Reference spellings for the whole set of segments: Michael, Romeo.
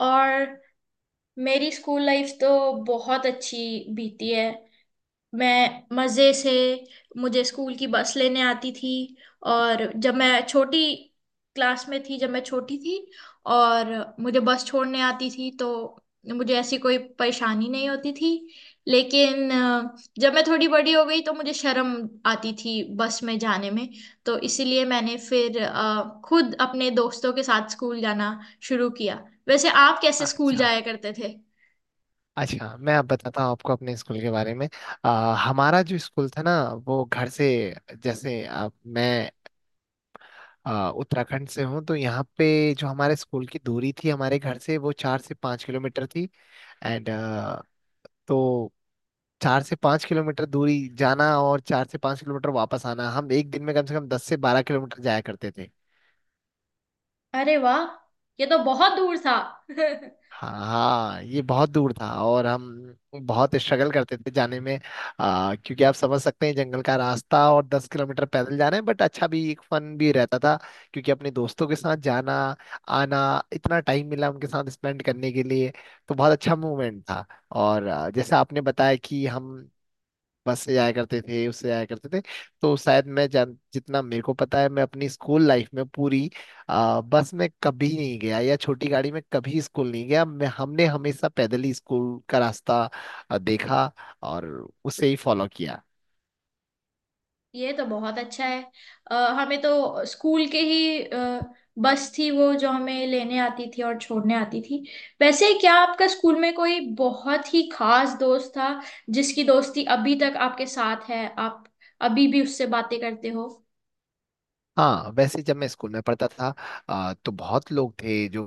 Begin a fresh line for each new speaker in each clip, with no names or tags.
और मेरी school life तो बहुत अच्छी बीती है। मैं मज़े से मुझे स्कूल की बस लेने आती थी। और जब मैं छोटी क्लास में थी, जब मैं छोटी थी और मुझे बस छोड़ने आती थी तो मुझे ऐसी कोई परेशानी नहीं होती थी। लेकिन जब मैं थोड़ी बड़ी हो गई तो मुझे शर्म आती थी बस में जाने में। तो इसीलिए मैंने फिर खुद अपने दोस्तों के साथ स्कूल जाना शुरू किया। वैसे आप कैसे स्कूल
अच्छा,
जाया करते थे?
अच्छा, मैं अब बताता हूँ आपको अपने स्कूल के बारे में। हमारा जो स्कूल था ना वो घर से जैसे मैं उत्तराखंड से हूँ तो यहाँ पे जो हमारे स्कूल की दूरी थी हमारे घर से वो 4 से 5 किलोमीटर थी। एंड, तो 4 से 5 किलोमीटर दूरी जाना और 4 से 5 किलोमीटर वापस आना, हम एक दिन में कम से कम 10 से 12 किलोमीटर जाया करते।
अरे वाह, ये तो बहुत दूर था।
हाँ, ये बहुत दूर था और हम बहुत स्ट्रगल करते थे जाने में। क्योंकि आप समझ सकते हैं, जंगल का रास्ता और 10 किलोमीटर पैदल जाना है, बट अच्छा भी, एक फन भी रहता था क्योंकि अपने दोस्तों के साथ जाना आना, इतना टाइम मिला उनके साथ स्पेंड करने के लिए। तो बहुत अच्छा मोमेंट था। और जैसे आपने बताया कि हम बस से जाया करते थे उससे जाया करते थे, तो शायद मैं जान जितना मेरे को पता है, मैं अपनी स्कूल लाइफ में पूरी बस में कभी नहीं गया या छोटी गाड़ी में कभी स्कूल नहीं गया, मैं हमने हमेशा पैदल ही स्कूल का रास्ता देखा और उसे ही फॉलो किया।
ये तो बहुत अच्छा है। हमें तो स्कूल के ही बस थी वो, जो हमें लेने आती थी और छोड़ने आती थी। वैसे क्या आपका स्कूल में कोई बहुत ही खास दोस्त था, जिसकी दोस्ती अभी तक आपके साथ है? आप अभी भी उससे बातें करते हो?
हाँ, वैसे जब मैं स्कूल में पढ़ता था तो बहुत लोग थे जो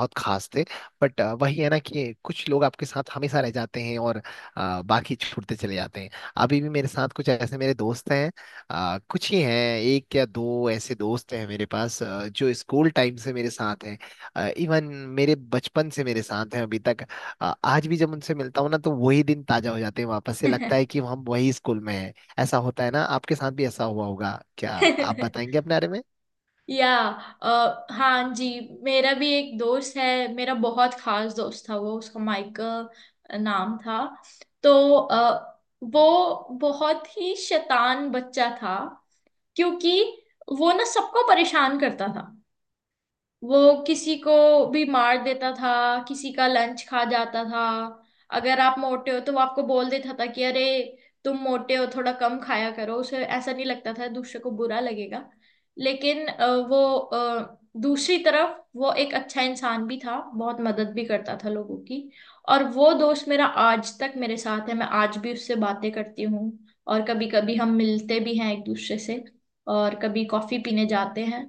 बहुत खास थे। बट वही है ना कि कुछ लोग आपके साथ हमेशा रह जाते हैं और बाकी छूटते चले जाते हैं। अभी भी मेरे साथ कुछ ऐसे मेरे दोस्त हैं, कुछ ही हैं। एक या दो ऐसे दोस्त हैं मेरे पास जो स्कूल टाइम से मेरे साथ हैं, इवन मेरे बचपन से मेरे साथ हैं अभी तक। आज भी जब उनसे मिलता हूँ ना तो वही दिन ताजा हो जाते हैं, वापस से लगता है कि हम वही स्कूल में हैं। ऐसा होता है ना? आपके साथ भी ऐसा हुआ होगा क्या? आप बताएंगे अपने बारे में?
या अ, हाँ जी, मेरा भी एक दोस्त है। मेरा बहुत खास दोस्त था वो, उसका माइकल नाम था। तो अ, वो बहुत ही शैतान बच्चा था। क्योंकि वो ना सबको परेशान करता था। वो किसी को भी मार देता था। किसी का लंच खा जाता था। अगर आप मोटे हो तो वो आपको बोल देता था कि अरे, तुम मोटे हो, थोड़ा कम खाया करो। उसे ऐसा नहीं लगता था दूसरे को बुरा लगेगा। लेकिन वो, दूसरी तरफ वो एक अच्छा इंसान भी था। बहुत मदद भी करता था लोगों की। और वो दोस्त मेरा आज तक मेरे साथ है। मैं आज भी उससे बातें करती हूँ। और कभी कभी हम मिलते भी हैं एक दूसरे से और कभी कॉफी पीने जाते हैं।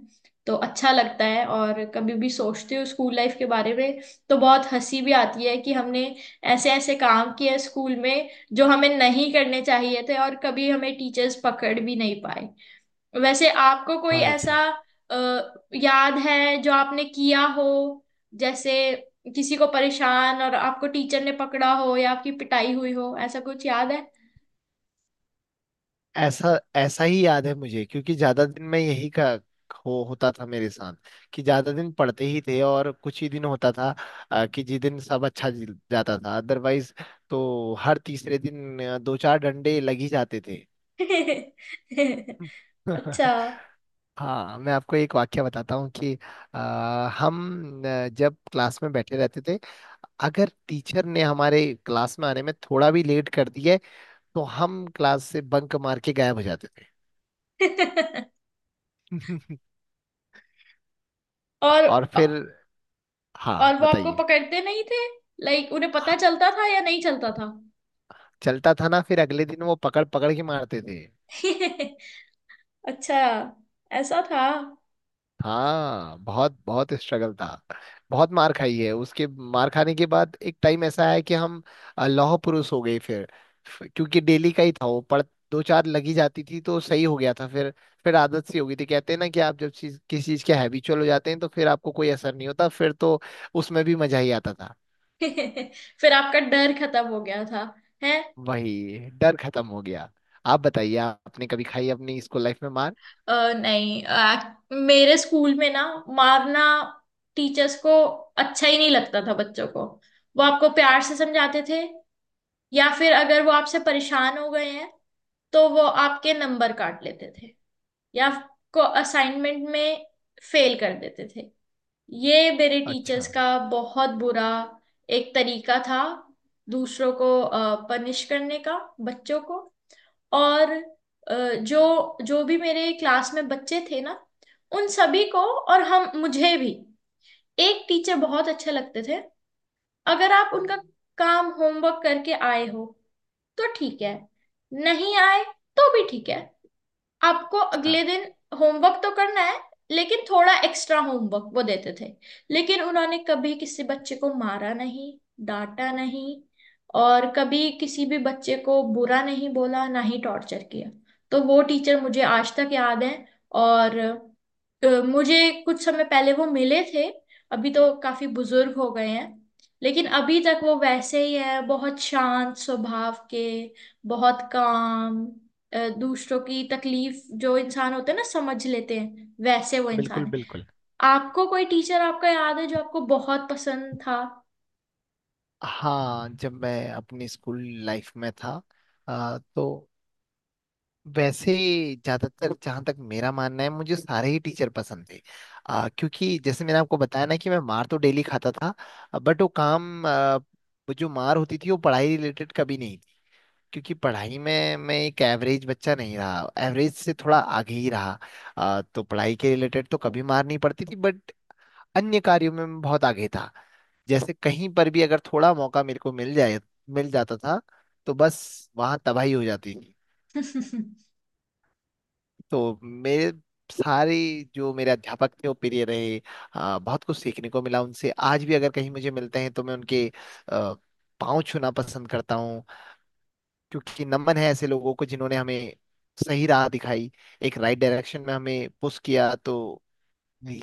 तो अच्छा लगता है। और कभी भी सोचती हूँ स्कूल लाइफ के बारे में तो बहुत हंसी भी आती है कि हमने ऐसे ऐसे काम किए स्कूल में जो हमें नहीं करने चाहिए थे, और कभी हमें टीचर्स पकड़ भी नहीं पाए। वैसे आपको कोई
बहुत
ऐसा
अच्छा।
अ, याद है जो आपने किया हो? जैसे किसी को परेशान, और आपको टीचर ने पकड़ा हो या आपकी पिटाई हुई हो, ऐसा कुछ याद है?
ऐसा ऐसा ही याद है मुझे, क्योंकि ज्यादा दिन में यही का हो होता था मेरे साथ, कि ज्यादा दिन पढ़ते ही थे और कुछ ही दिन होता था कि जिस दिन सब अच्छा जाता था, अदरवाइज तो हर तीसरे दिन दो चार डंडे लग ही जाते थे।
अच्छा।
हाँ, मैं आपको एक वाक्य बताता हूँ कि अ, हम जब क्लास में बैठे रहते थे, अगर टीचर ने हमारे क्लास में आने में थोड़ा भी लेट कर दिया है, तो हम क्लास से बंक मार के गायब हो जाते थे।
और
और फिर,
और
हाँ,
वो आपको
बताइए।
पकड़ते नहीं थे? लाइक उन्हें पता
हाँ,
चलता था या नहीं चलता था?
चलता था ना, फिर अगले दिन वो पकड़ पकड़ के मारते थे।
अच्छा, ऐसा था।
हाँ, बहुत बहुत स्ट्रगल था। बहुत मार खाई है। उसके मार खाने के बाद एक टाइम ऐसा है कि हम लौह पुरुष हो गए फिर। क्योंकि डेली का ही था वो, पर दो चार लगी जाती थी तो सही हो गया था फिर। फिर आदत सी हो गई थी, कहते हैं ना कि आप जब चीज किसी चीज के हैबिचुअल हो जाते हैं तो फिर आपको कोई असर नहीं होता, फिर तो उसमें भी मजा ही आता था।
फिर आपका डर खत्म हो गया था, है?
वही डर खत्म हो गया। आप बताइए, आपने कभी खाई अपनी स्कूल लाइफ में मार?
नहीं, मेरे स्कूल में ना मारना टीचर्स को अच्छा ही नहीं लगता था, बच्चों को। वो आपको प्यार से समझाते थे। या फिर अगर वो आपसे परेशान हो गए हैं तो वो आपके नंबर काट लेते थे, या आपको असाइनमेंट में फेल कर देते थे। ये मेरे
अच्छा।
टीचर्स का बहुत बुरा एक तरीका था दूसरों को पनिश करने का, बच्चों को। और जो जो भी मेरे क्लास में बच्चे थे ना, उन सभी को। और हम मुझे भी एक टीचर बहुत अच्छे लगते थे। अगर आप उनका काम होमवर्क करके आए हो तो ठीक है, नहीं आए तो भी ठीक है। आपको अगले
हाँ,
दिन होमवर्क तो करना है, लेकिन थोड़ा एक्स्ट्रा होमवर्क वो देते थे। लेकिन उन्होंने कभी किसी बच्चे को मारा नहीं, डांटा नहीं, और कभी किसी भी बच्चे को बुरा नहीं बोला, ना ही टॉर्चर किया। तो वो टीचर मुझे आज तक याद है। और मुझे कुछ समय पहले वो मिले थे। अभी तो काफी बुजुर्ग हो गए हैं, लेकिन अभी तक वो वैसे ही है, बहुत शांत स्वभाव के, बहुत काम, दूसरों की तकलीफ जो इंसान होते हैं ना समझ लेते हैं, वैसे वो इंसान
बिल्कुल
है।
बिल्कुल।
आपको कोई टीचर आपका याद है जो आपको बहुत पसंद था?
हाँ, जब मैं अपनी स्कूल लाइफ में था तो वैसे, ज्यादातर जहाँ तक मेरा मानना है, मुझे सारे ही टीचर पसंद थे। क्योंकि जैसे मैंने आपको बताया ना कि मैं मार तो डेली खाता था, बट वो जो मार होती थी वो पढ़ाई रिलेटेड कभी नहीं थी, क्योंकि पढ़ाई में मैं एक एवरेज बच्चा नहीं रहा, एवरेज से थोड़ा आगे ही रहा। तो पढ़ाई के रिलेटेड तो कभी मार नहीं पड़ती थी, बट अन्य कार्यों में मैं बहुत आगे था। जैसे कहीं पर भी अगर थोड़ा मौका मेरे को मिल जाए, मिल जाता था, तो बस वहां तबाही हो जाती थी। तो मेरे सारे जो मेरे अध्यापक थे वो प्रिय रहे। बहुत कुछ सीखने को मिला उनसे, आज भी अगर कहीं मुझे मिलते हैं तो मैं उनके आ, पाँव छूना पसंद करता हूँ, क्योंकि नमन है ऐसे लोगों को जिन्होंने हमें सही राह दिखाई, एक राइट डायरेक्शन में हमें पुश किया। तो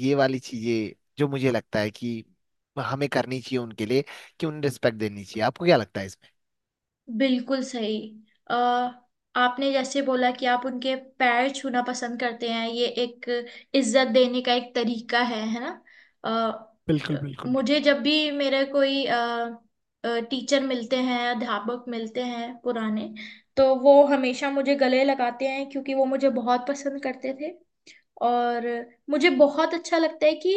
ये वाली चीजें जो मुझे लगता है कि हमें करनी चाहिए उन्हें के लिए, कि उन्हें रिस्पेक्ट देनी चाहिए। आपको क्या लगता है इस?
बिल्कुल सही। अ, आपने जैसे बोला कि आप उनके पैर छूना पसंद करते हैं, ये एक इज्जत देने का एक तरीका है ना? अ,
बिल्कुल, बिल्कुल।
मुझे जब भी मेरे कोई टीचर मिलते हैं, अध्यापक मिलते हैं पुराने, तो वो हमेशा मुझे गले लगाते हैं, क्योंकि वो मुझे बहुत पसंद करते थे। और मुझे बहुत अच्छा लगता है कि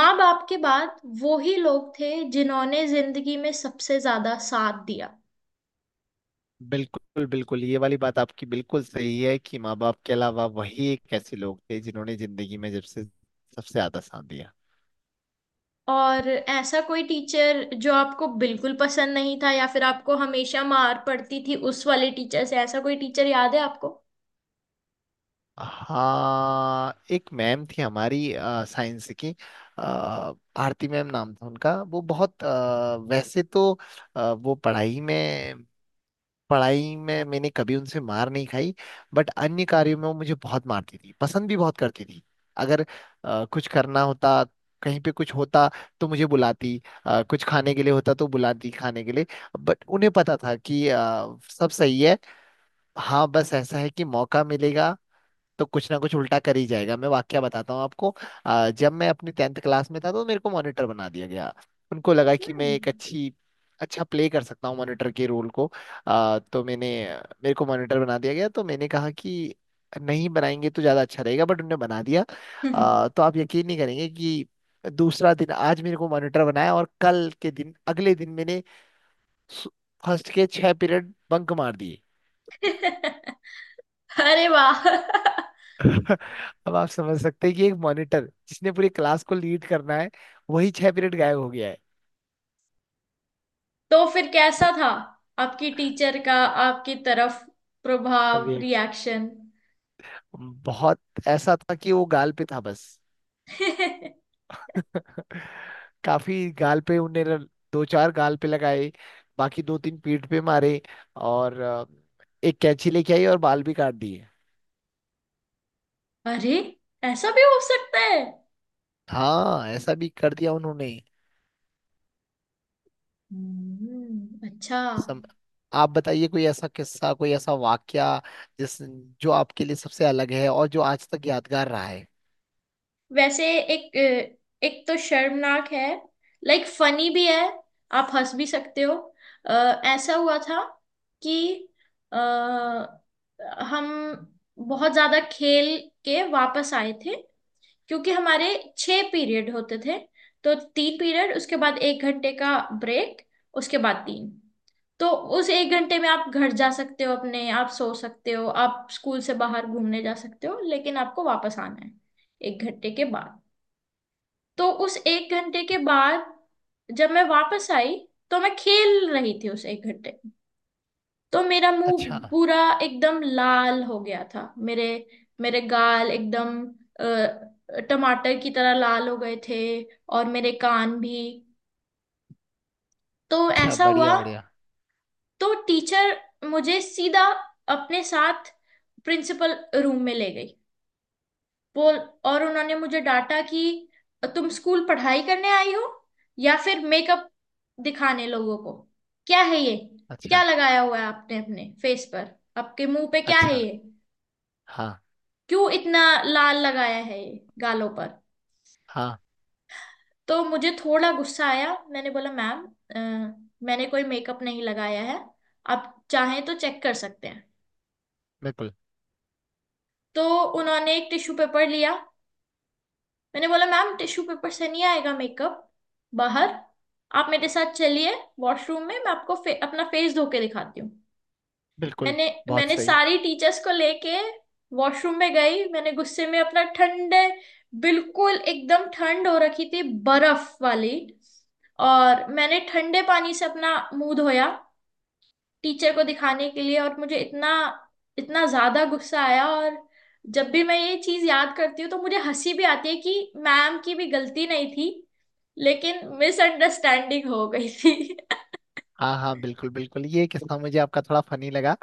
माँ बाप के बाद वो ही लोग थे जिन्होंने जिंदगी में सबसे ज्यादा साथ दिया।
बिल्कुल बिल्कुल, ये वाली बात आपकी बिल्कुल सही है कि माँ बाप के अलावा वही एक ऐसे लोग थे जिन्होंने जिंदगी में जब से सबसे ज्यादा साथ दिया।
और ऐसा कोई टीचर जो आपको बिल्कुल पसंद नहीं था, या फिर आपको हमेशा मार पड़ती थी उस वाले टीचर से, ऐसा कोई टीचर याद है आपको?
हाँ, एक मैम थी हमारी, साइंस की। अ, भारती मैम नाम था उनका। वो बहुत वैसे तो वो पढ़ाई में, मैंने कभी उनसे मार नहीं खाई, बट अन्य कार्यों में वो मुझे बहुत मारती थी, पसंद भी बहुत करती थी। अगर कुछ करना होता, कहीं पे कुछ होता, तो मुझे बुलाती। कुछ खाने के लिए होता तो बुलाती खाने के लिए। बट उन्हें पता था कि सब सही है। हाँ, बस ऐसा है कि मौका मिलेगा तो कुछ ना कुछ उल्टा कर ही जाएगा। मैं वाकया बताता हूँ आपको। जब मैं अपनी टेंथ क्लास में था तो मेरे को मॉनिटर बना दिया गया। उनको लगा कि मैं एक अच्छी अच्छा प्ले कर सकता हूँ मॉनिटर के रोल को। तो मैंने, मेरे को मॉनिटर बना दिया गया, तो मैंने कहा कि नहीं बनाएंगे तो ज़्यादा अच्छा रहेगा, बट उन्होंने बना दिया।
हम्म।
तो आप यकीन नहीं करेंगे कि दूसरा दिन, आज मेरे को मॉनिटर बनाया और कल के दिन अगले दिन मैंने फर्स्ट के 6 पीरियड बंक मार दिए।
अरे वाह।
अब आप समझ सकते हैं कि एक मॉनिटर जिसने पूरी क्लास को लीड करना है, वही 6 पीरियड गायब हो गया है।
तो फिर कैसा था आपकी टीचर का आपकी तरफ
और
प्रभाव,
ये
रिएक्शन?
बहुत ऐसा था कि वो गाल पे था बस। काफी गाल पे उन्होंने दो चार गाल पे लगाए, बाकी दो तीन पीठ पे मारे। और एक कैंची लेके आई और बाल भी काट दिए।
अरे, ऐसा भी हो सकता है?
हाँ, ऐसा भी कर दिया उन्होंने।
अच्छा।
सम... आप बताइए, कोई ऐसा किस्सा, कोई ऐसा वाक्या जिस जो आपके लिए सबसे अलग है और जो आज तक यादगार रहा है?
वैसे एक एक तो शर्मनाक है, लाइक फनी भी है, आप हंस भी सकते हो। अ, ऐसा हुआ था कि अ, हम बहुत ज्यादा खेल के वापस आए थे। क्योंकि हमारे छह पीरियड होते थे, तो तीन पीरियड उसके बाद एक घंटे का ब्रेक, उसके बाद तीन। तो उस एक घंटे में आप घर जा सकते हो, अपने आप सो सकते हो, आप स्कूल से बाहर घूमने जा सकते हो, लेकिन आपको वापस आना है एक घंटे के बाद। तो उस एक घंटे के बाद जब मैं वापस आई, तो मैं खेल रही थी उस एक घंटे। तो मेरा
अच्छा।
मुंह पूरा एकदम लाल हो गया था। मेरे मेरे गाल एकदम टमाटर की तरह लाल हो गए थे, और मेरे कान भी। तो
अच्छा,
ऐसा हुआ।
बढ़िया, बढ़िया।
तो टीचर मुझे सीधा अपने साथ प्रिंसिपल रूम में ले गई, बोल। और उन्होंने मुझे डांटा कि तुम स्कूल पढ़ाई करने आई हो या फिर मेकअप दिखाने लोगों को? क्या है ये? क्या
अच्छा।
लगाया हुआ है आपने अपने फेस पर? आपके मुंह पे क्या है
अच्छा।
ये?
हाँ,
क्यों इतना लाल लगाया है ये गालों पर?
हाँ,
तो मुझे थोड़ा गुस्सा आया। मैंने बोला, मैम मैंने कोई मेकअप नहीं लगाया है। आप चाहें तो चेक कर सकते हैं।
बिल्कुल
तो उन्होंने एक टिश्यू पेपर लिया। मैंने बोला, मैम टिश्यू पेपर से नहीं आएगा मेकअप बाहर, आप मेरे साथ चलिए वॉशरूम में। मैं आपको अपना फेस धो के दिखाती हूँ।
बिल्कुल।
मैंने
बहुत
मैंने
सही।
सारी टीचर्स को लेके वॉशरूम में गई। मैंने गुस्से में अपना ठंडे, बिल्कुल एकदम ठंड हो रखी थी, बर्फ वाली, और मैंने ठंडे पानी से अपना मुंह धोया टीचर को दिखाने के लिए। और मुझे इतना, इतना ज्यादा गुस्सा आया। और जब भी मैं ये चीज याद करती हूँ तो मुझे हंसी भी आती है कि मैम की भी गलती नहीं थी, लेकिन मिसअंडरस्टैंडिंग हो गई थी।
हाँ, हाँ, बिल्कुल बिल्कुल, ये किस्सा मुझे आपका थोड़ा फनी लगा,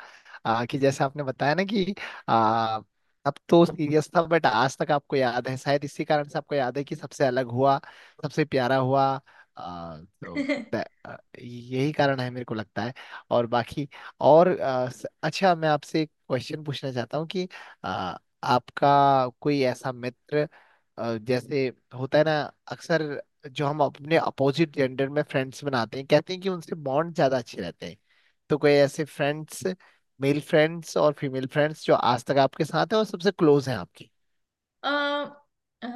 कि जैसे आपने बताया ना कि आ, अब तो सीरियस था, बट आज तक आपको याद है, शायद इसी कारण से आपको याद है कि सबसे अलग हुआ, सबसे प्यारा हुआ। तो ब- आ, यही कारण है, मेरे को लगता है, और बाकी और अच्छा, मैं आपसे एक क्वेश्चन पूछना चाहता हूँ कि आ, आपका कोई ऐसा मित्र जैसे होता है ना अक्सर, जो हम अपने अपोजिट जेंडर में फ्रेंड्स बनाते हैं, कहते हैं कि उनसे बॉन्ड ज्यादा अच्छे रहते हैं। तो कोई ऐसे फ्रेंड्स, मेल फ्रेंड्स और फीमेल फ्रेंड्स, जो आज तक आपके साथ हैं और सबसे क्लोज हैं आपकी?
अ, अ,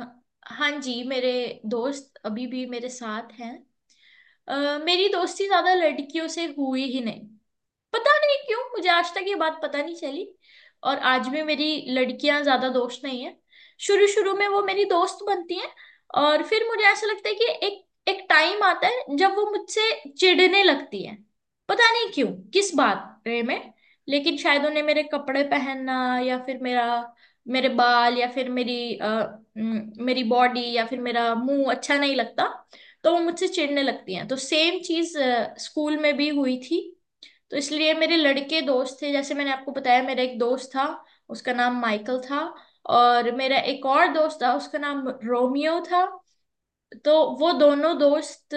हाँ जी, मेरे दोस्त अभी भी मेरे साथ हैं। मेरी दोस्ती ज्यादा लड़कियों से हुई ही नहीं। पता नहीं क्यों, मुझे आज तक ये बात पता नहीं चली। और आज भी मेरी लड़कियां ज्यादा दोस्त नहीं है। शुरू शुरू में वो मेरी दोस्त बनती हैं, और फिर मुझे ऐसा लगता है कि एक एक टाइम आता है जब वो मुझसे चिढ़ने लगती है। पता नहीं क्यों, किस बारे में। लेकिन शायद उन्हें मेरे कपड़े पहनना, या फिर मेरा मेरे बाल, या फिर मेरी मेरी बॉडी, या फिर मेरा मुंह अच्छा नहीं लगता। तो वो मुझसे चिढ़ने लगती हैं। तो सेम चीज स्कूल में भी हुई थी। तो इसलिए मेरे लड़के दोस्त थे। जैसे मैंने आपको बताया, मेरा एक दोस्त था उसका नाम माइकल था, और मेरा एक और दोस्त था उसका नाम रोमियो था। तो वो दोनों दोस्त,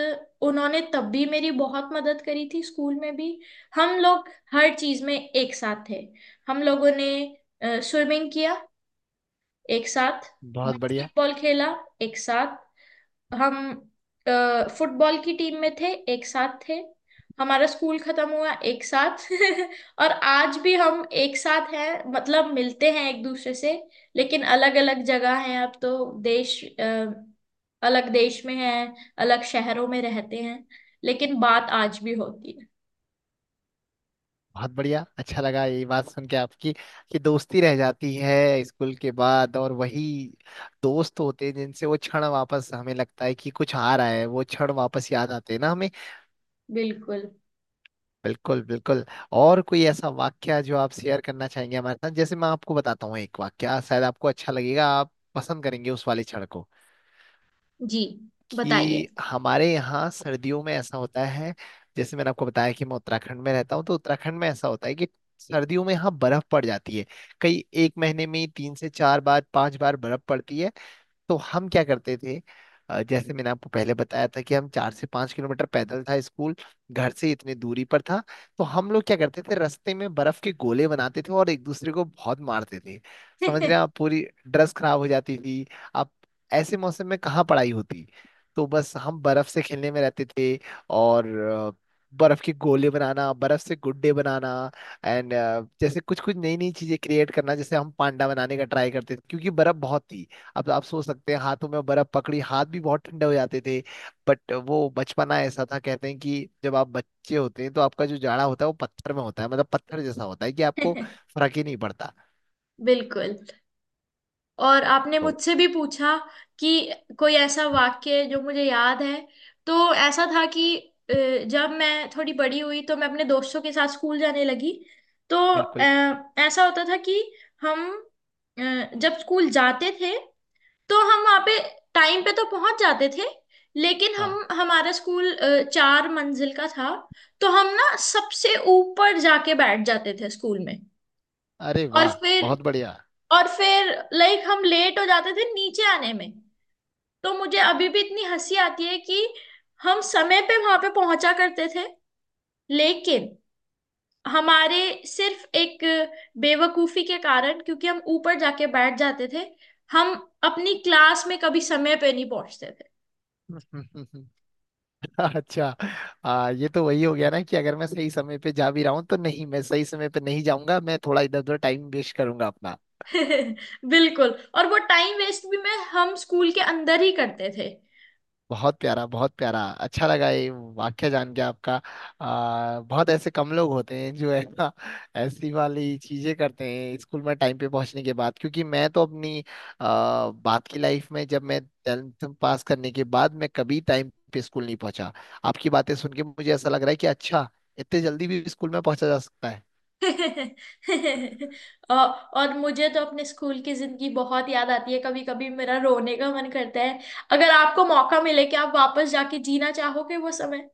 उन्होंने तब भी मेरी बहुत मदद करी थी स्कूल में भी। हम लोग हर चीज में एक साथ थे। हम लोगों ने स्विमिंग किया एक साथ,
बहुत बढ़िया।
बास्केटबॉल खेला एक साथ, हम फुटबॉल की टीम में थे एक साथ थे, हमारा स्कूल खत्म हुआ एक साथ। और आज भी हम एक साथ हैं, मतलब मिलते हैं एक दूसरे से। लेकिन अलग अलग जगह हैं अब, तो अलग देश में हैं, अलग शहरों में रहते हैं। लेकिन बात आज भी होती है।
बहुत बढ़िया, अच्छा लगा ये बात सुन के आपकी, कि दोस्ती रह जाती है स्कूल के बाद और वही दोस्त होते हैं जिनसे वो क्षण वापस, हमें लगता है कि कुछ आ रहा है, वो क्षण वापस याद आते हैं ना हमें।
बिल्कुल।
बिल्कुल। बिल्कुल और कोई ऐसा वाक्या जो आप शेयर करना चाहेंगे हमारे साथ? जैसे मैं आपको बताता हूँ एक वाक्या, शायद आपको अच्छा लगेगा, आप पसंद करेंगे उस वाली क्षण को,
जी, बताइए।
कि हमारे यहाँ सर्दियों में ऐसा होता है। जैसे मैंने आपको बताया कि मैं उत्तराखंड में रहता हूँ, तो उत्तराखंड में ऐसा होता है कि सर्दियों में यहाँ बर्फ पड़ जाती है। कई एक महीने में ही तीन से चार बार, पांच बार बर्फ पड़ती है। तो हम क्या करते थे? जैसे मैंने आपको पहले बताया था कि हम, 4 से 5 किलोमीटर पैदल था स्कूल, घर से इतनी दूरी पर था। तो हम लोग क्या करते थे, रास्ते में बर्फ के गोले बनाते थे और एक दूसरे को बहुत मारते थे। समझ रहे हैं आप? पूरी ड्रेस खराब हो जाती थी। आप ऐसे मौसम में कहाँ पढ़ाई होती? तो बस हम बर्फ से खेलने में रहते थे। और बर्फ के गोले बनाना, बर्फ से गुड्डे बनाना, एंड जैसे कुछ कुछ नई नई चीजें क्रिएट करना, जैसे हम पांडा बनाने का ट्राई करते थे क्योंकि बर्फ बहुत थी। अब आप सोच सकते हैं, हाथों में बर्फ पकड़ी, हाथ भी बहुत ठंडे हो जाते थे, बट वो बचपना ऐसा था, कहते हैं कि जब आप बच्चे होते हैं तो आपका जो जाड़ा होता है वो पत्थर में होता है, मतलब पत्थर जैसा होता है कि आपको फर्क ही नहीं पड़ता,
बिल्कुल। और आपने
तो
मुझसे भी पूछा कि कोई ऐसा वाक्य जो मुझे याद है। तो ऐसा था कि अ, जब मैं थोड़ी बड़ी हुई तो मैं अपने दोस्तों के साथ स्कूल जाने लगी। तो
बिल्कुल।
ऐसा होता था कि हम अ, जब स्कूल जाते थे तो हम वहाँ पे टाइम पे तो पहुंच जाते थे। लेकिन
हाँ।
हम हमारा स्कूल चार मंजिल का था। तो हम ना सबसे ऊपर जाके बैठ जाते थे स्कूल में।
अरे
और
वाह,
फिर
बहुत बढ़िया।
और फिर लाइक हम लेट हो जाते थे नीचे आने में। तो मुझे अभी भी इतनी हंसी आती है कि हम समय पे वहां पे पहुंचा करते थे, लेकिन हमारे सिर्फ एक बेवकूफी के कारण, क्योंकि हम ऊपर जाके बैठ जाते थे, हम अपनी क्लास में कभी समय पे नहीं पहुंचते थे।
अच्छा। ये तो वही हो गया ना कि अगर मैं सही समय पे जा भी रहा हूँ तो नहीं, मैं सही समय पे नहीं जाऊंगा, मैं थोड़ा इधर उधर टाइम वेस्ट करूंगा अपना।
बिल्कुल। और वो टाइम वेस्ट भी मैं हम स्कूल के अंदर ही करते थे।
बहुत प्यारा, बहुत प्यारा, अच्छा लगा ये वाक्य जान के आपका। बहुत ऐसे कम लोग होते हैं जो है ना, ऐसी वाली चीजें करते हैं स्कूल में टाइम पे पहुंचने के बाद, क्योंकि मैं तो अपनी बात की लाइफ में, जब मैं टेंथ पास करने के बाद मैं कभी टाइम पे स्कूल नहीं पहुंचा। आपकी बातें सुन के मुझे ऐसा लग रहा है कि अच्छा, इतने जल्दी भी स्कूल में पहुंचा जा सकता है।
और और मुझे तो अपने स्कूल की जिंदगी बहुत याद आती है। कभी कभी मेरा रोने का मन करता है। अगर आपको मौका मिले कि आप वापस जाके जीना चाहोगे वो समय?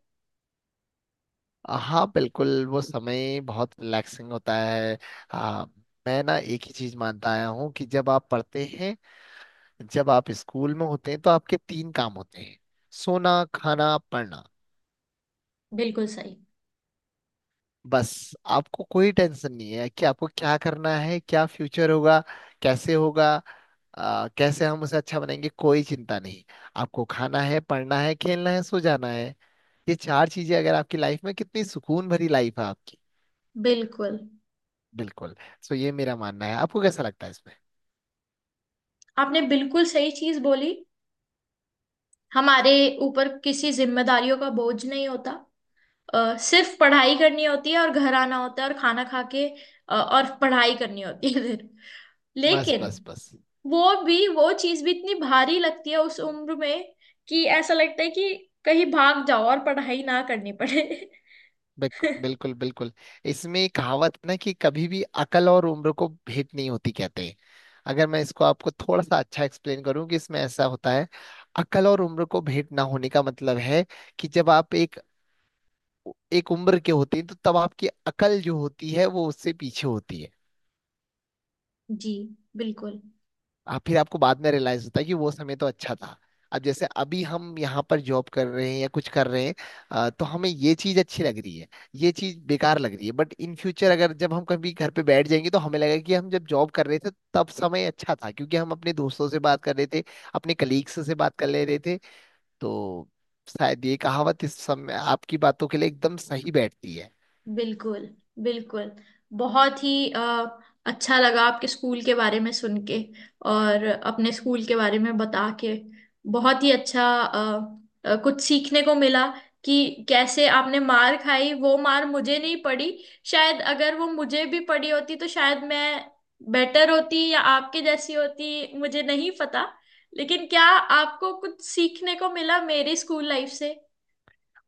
हाँ बिल्कुल, वो समय बहुत रिलैक्सिंग होता है। आ, मैं ना एक ही चीज मानता आया हूँ कि जब आप पढ़ते हैं, जब आप स्कूल में होते हैं, तो आपके तीन काम होते हैं, सोना, खाना, पढ़ना,
बिल्कुल सही।
बस। आपको कोई टेंशन नहीं है कि आपको क्या करना है, क्या फ्यूचर होगा, कैसे होगा। कैसे हम उसे अच्छा बनाएंगे, कोई चिंता नहीं। आपको खाना है, पढ़ना है, खेलना है, सो जाना है। ये चार चीजें अगर आपकी लाइफ में, कितनी सुकून भरी लाइफ है आपकी।
बिल्कुल।
बिल्कुल। सो ये मेरा मानना है, आपको कैसा लगता है इसमें?
आपने बिल्कुल सही चीज बोली। हमारे ऊपर किसी जिम्मेदारियों का बोझ नहीं होता। सिर्फ पढ़ाई करनी होती है और घर आना होता है और खाना खा के और पढ़ाई करनी होती है फिर।
बस,
लेकिन
बस, बस।
वो भी, वो चीज भी इतनी भारी लगती है उस उम्र में, कि ऐसा लगता है कि कहीं भाग जाओ और पढ़ाई ना करनी पड़े।
बिल्कुल बिल्कुल। इसमें एक कहावत है ना कि कभी भी अकल और उम्र को भेंट नहीं होती, कहते हैं। अगर मैं इसको आपको थोड़ा सा अच्छा एक्सप्लेन करूं, कि इसमें ऐसा होता है, अकल और उम्र को भेंट ना होने का मतलब है कि जब आप एक एक उम्र के होते हैं तो तब आपकी अकल जो होती है वो उससे पीछे होती है।
जी, बिल्कुल।
आप फिर आपको बाद में रियलाइज होता है कि वो समय तो अच्छा था। अब जैसे अभी हम यहाँ पर जॉब कर रहे हैं या कुछ कर रहे हैं, तो हमें ये चीज अच्छी लग रही है, ये चीज बेकार लग रही है, बट इन फ्यूचर अगर जब हम कभी घर पे बैठ जाएंगे तो हमें लगेगा कि हम जब जॉब कर रहे थे तब समय अच्छा था, क्योंकि हम अपने दोस्तों से बात कर रहे थे, अपने कलीग्स से बात कर ले रहे थे। तो शायद ये कहावत इस समय आपकी बातों के लिए एकदम सही बैठती है।
बिल्कुल, बिल्कुल। बहुत ही अच्छा लगा आपके स्कूल के बारे में सुन के, और अपने स्कूल के बारे में बता के। बहुत ही अच्छा कुछ सीखने को मिला, कि कैसे आपने मार खाई। वो मार मुझे नहीं पड़ी। शायद अगर वो मुझे भी पड़ी होती तो शायद मैं बेटर होती, या आपके जैसी होती, मुझे नहीं पता। लेकिन क्या आपको कुछ सीखने को मिला मेरी स्कूल लाइफ से?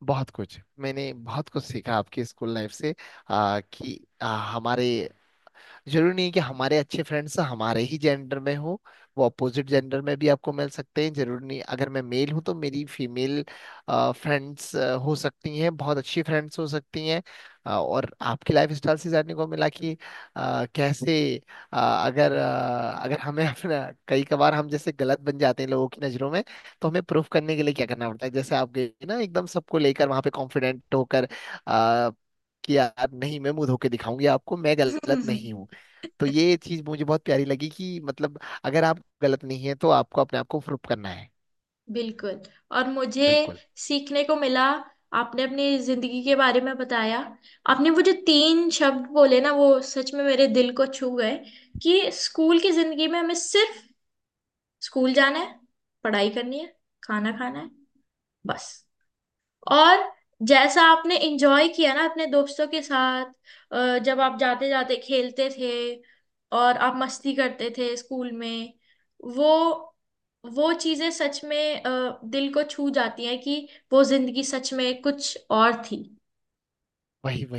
बहुत कुछ, मैंने बहुत कुछ सीखा आपकी स्कूल लाइफ से। कि हमारे, जरूरी नहीं है कि हमारे अच्छे फ्रेंड्स हमारे ही जेंडर में हो, वो अपोजिट जेंडर में भी आपको मिल सकते हैं, जरूरी नहीं, अगर मैं मेल हूं तो मेरी फीमेल फ्रेंड्स हो सकती हैं, बहुत अच्छी फ्रेंड्स हो सकती हैं। और आपकी लाइफ स्टाइल से जानने को मिला कि कैसे अगर हमें अपना, कई कबार हम जैसे गलत बन जाते हैं लोगों की नजरों में, तो हमें प्रूफ करने के लिए क्या करना पड़ता है, जैसे आप गए ना एकदम सबको लेकर वहां पे कॉन्फिडेंट होकर, अ, कि यार नहीं, मैं मुंह धो के दिखाऊंगी आपको, मैं गलत नहीं हूँ। तो ये चीज मुझे बहुत प्यारी लगी कि मतलब, अगर आप गलत नहीं है तो आपको अपने आप को प्रूफ करना है।
बिल्कुल। और मुझे
बिल्कुल
सीखने को मिला, आपने अपनी जिंदगी के बारे में बताया। आपने वो जो तीन शब्द बोले ना, वो सच में मेरे दिल को छू गए, कि स्कूल की जिंदगी में हमें सिर्फ स्कूल जाना है, पढ़ाई करनी है, खाना खाना है, बस। और जैसा आपने एंजॉय किया ना अपने दोस्तों के साथ, जब आप जाते जाते खेलते थे, और आप मस्ती करते थे स्कूल में, वो वो चीजें सच में दिल को छू जाती हैं, कि वो जिंदगी सच में कुछ और थी।
वही।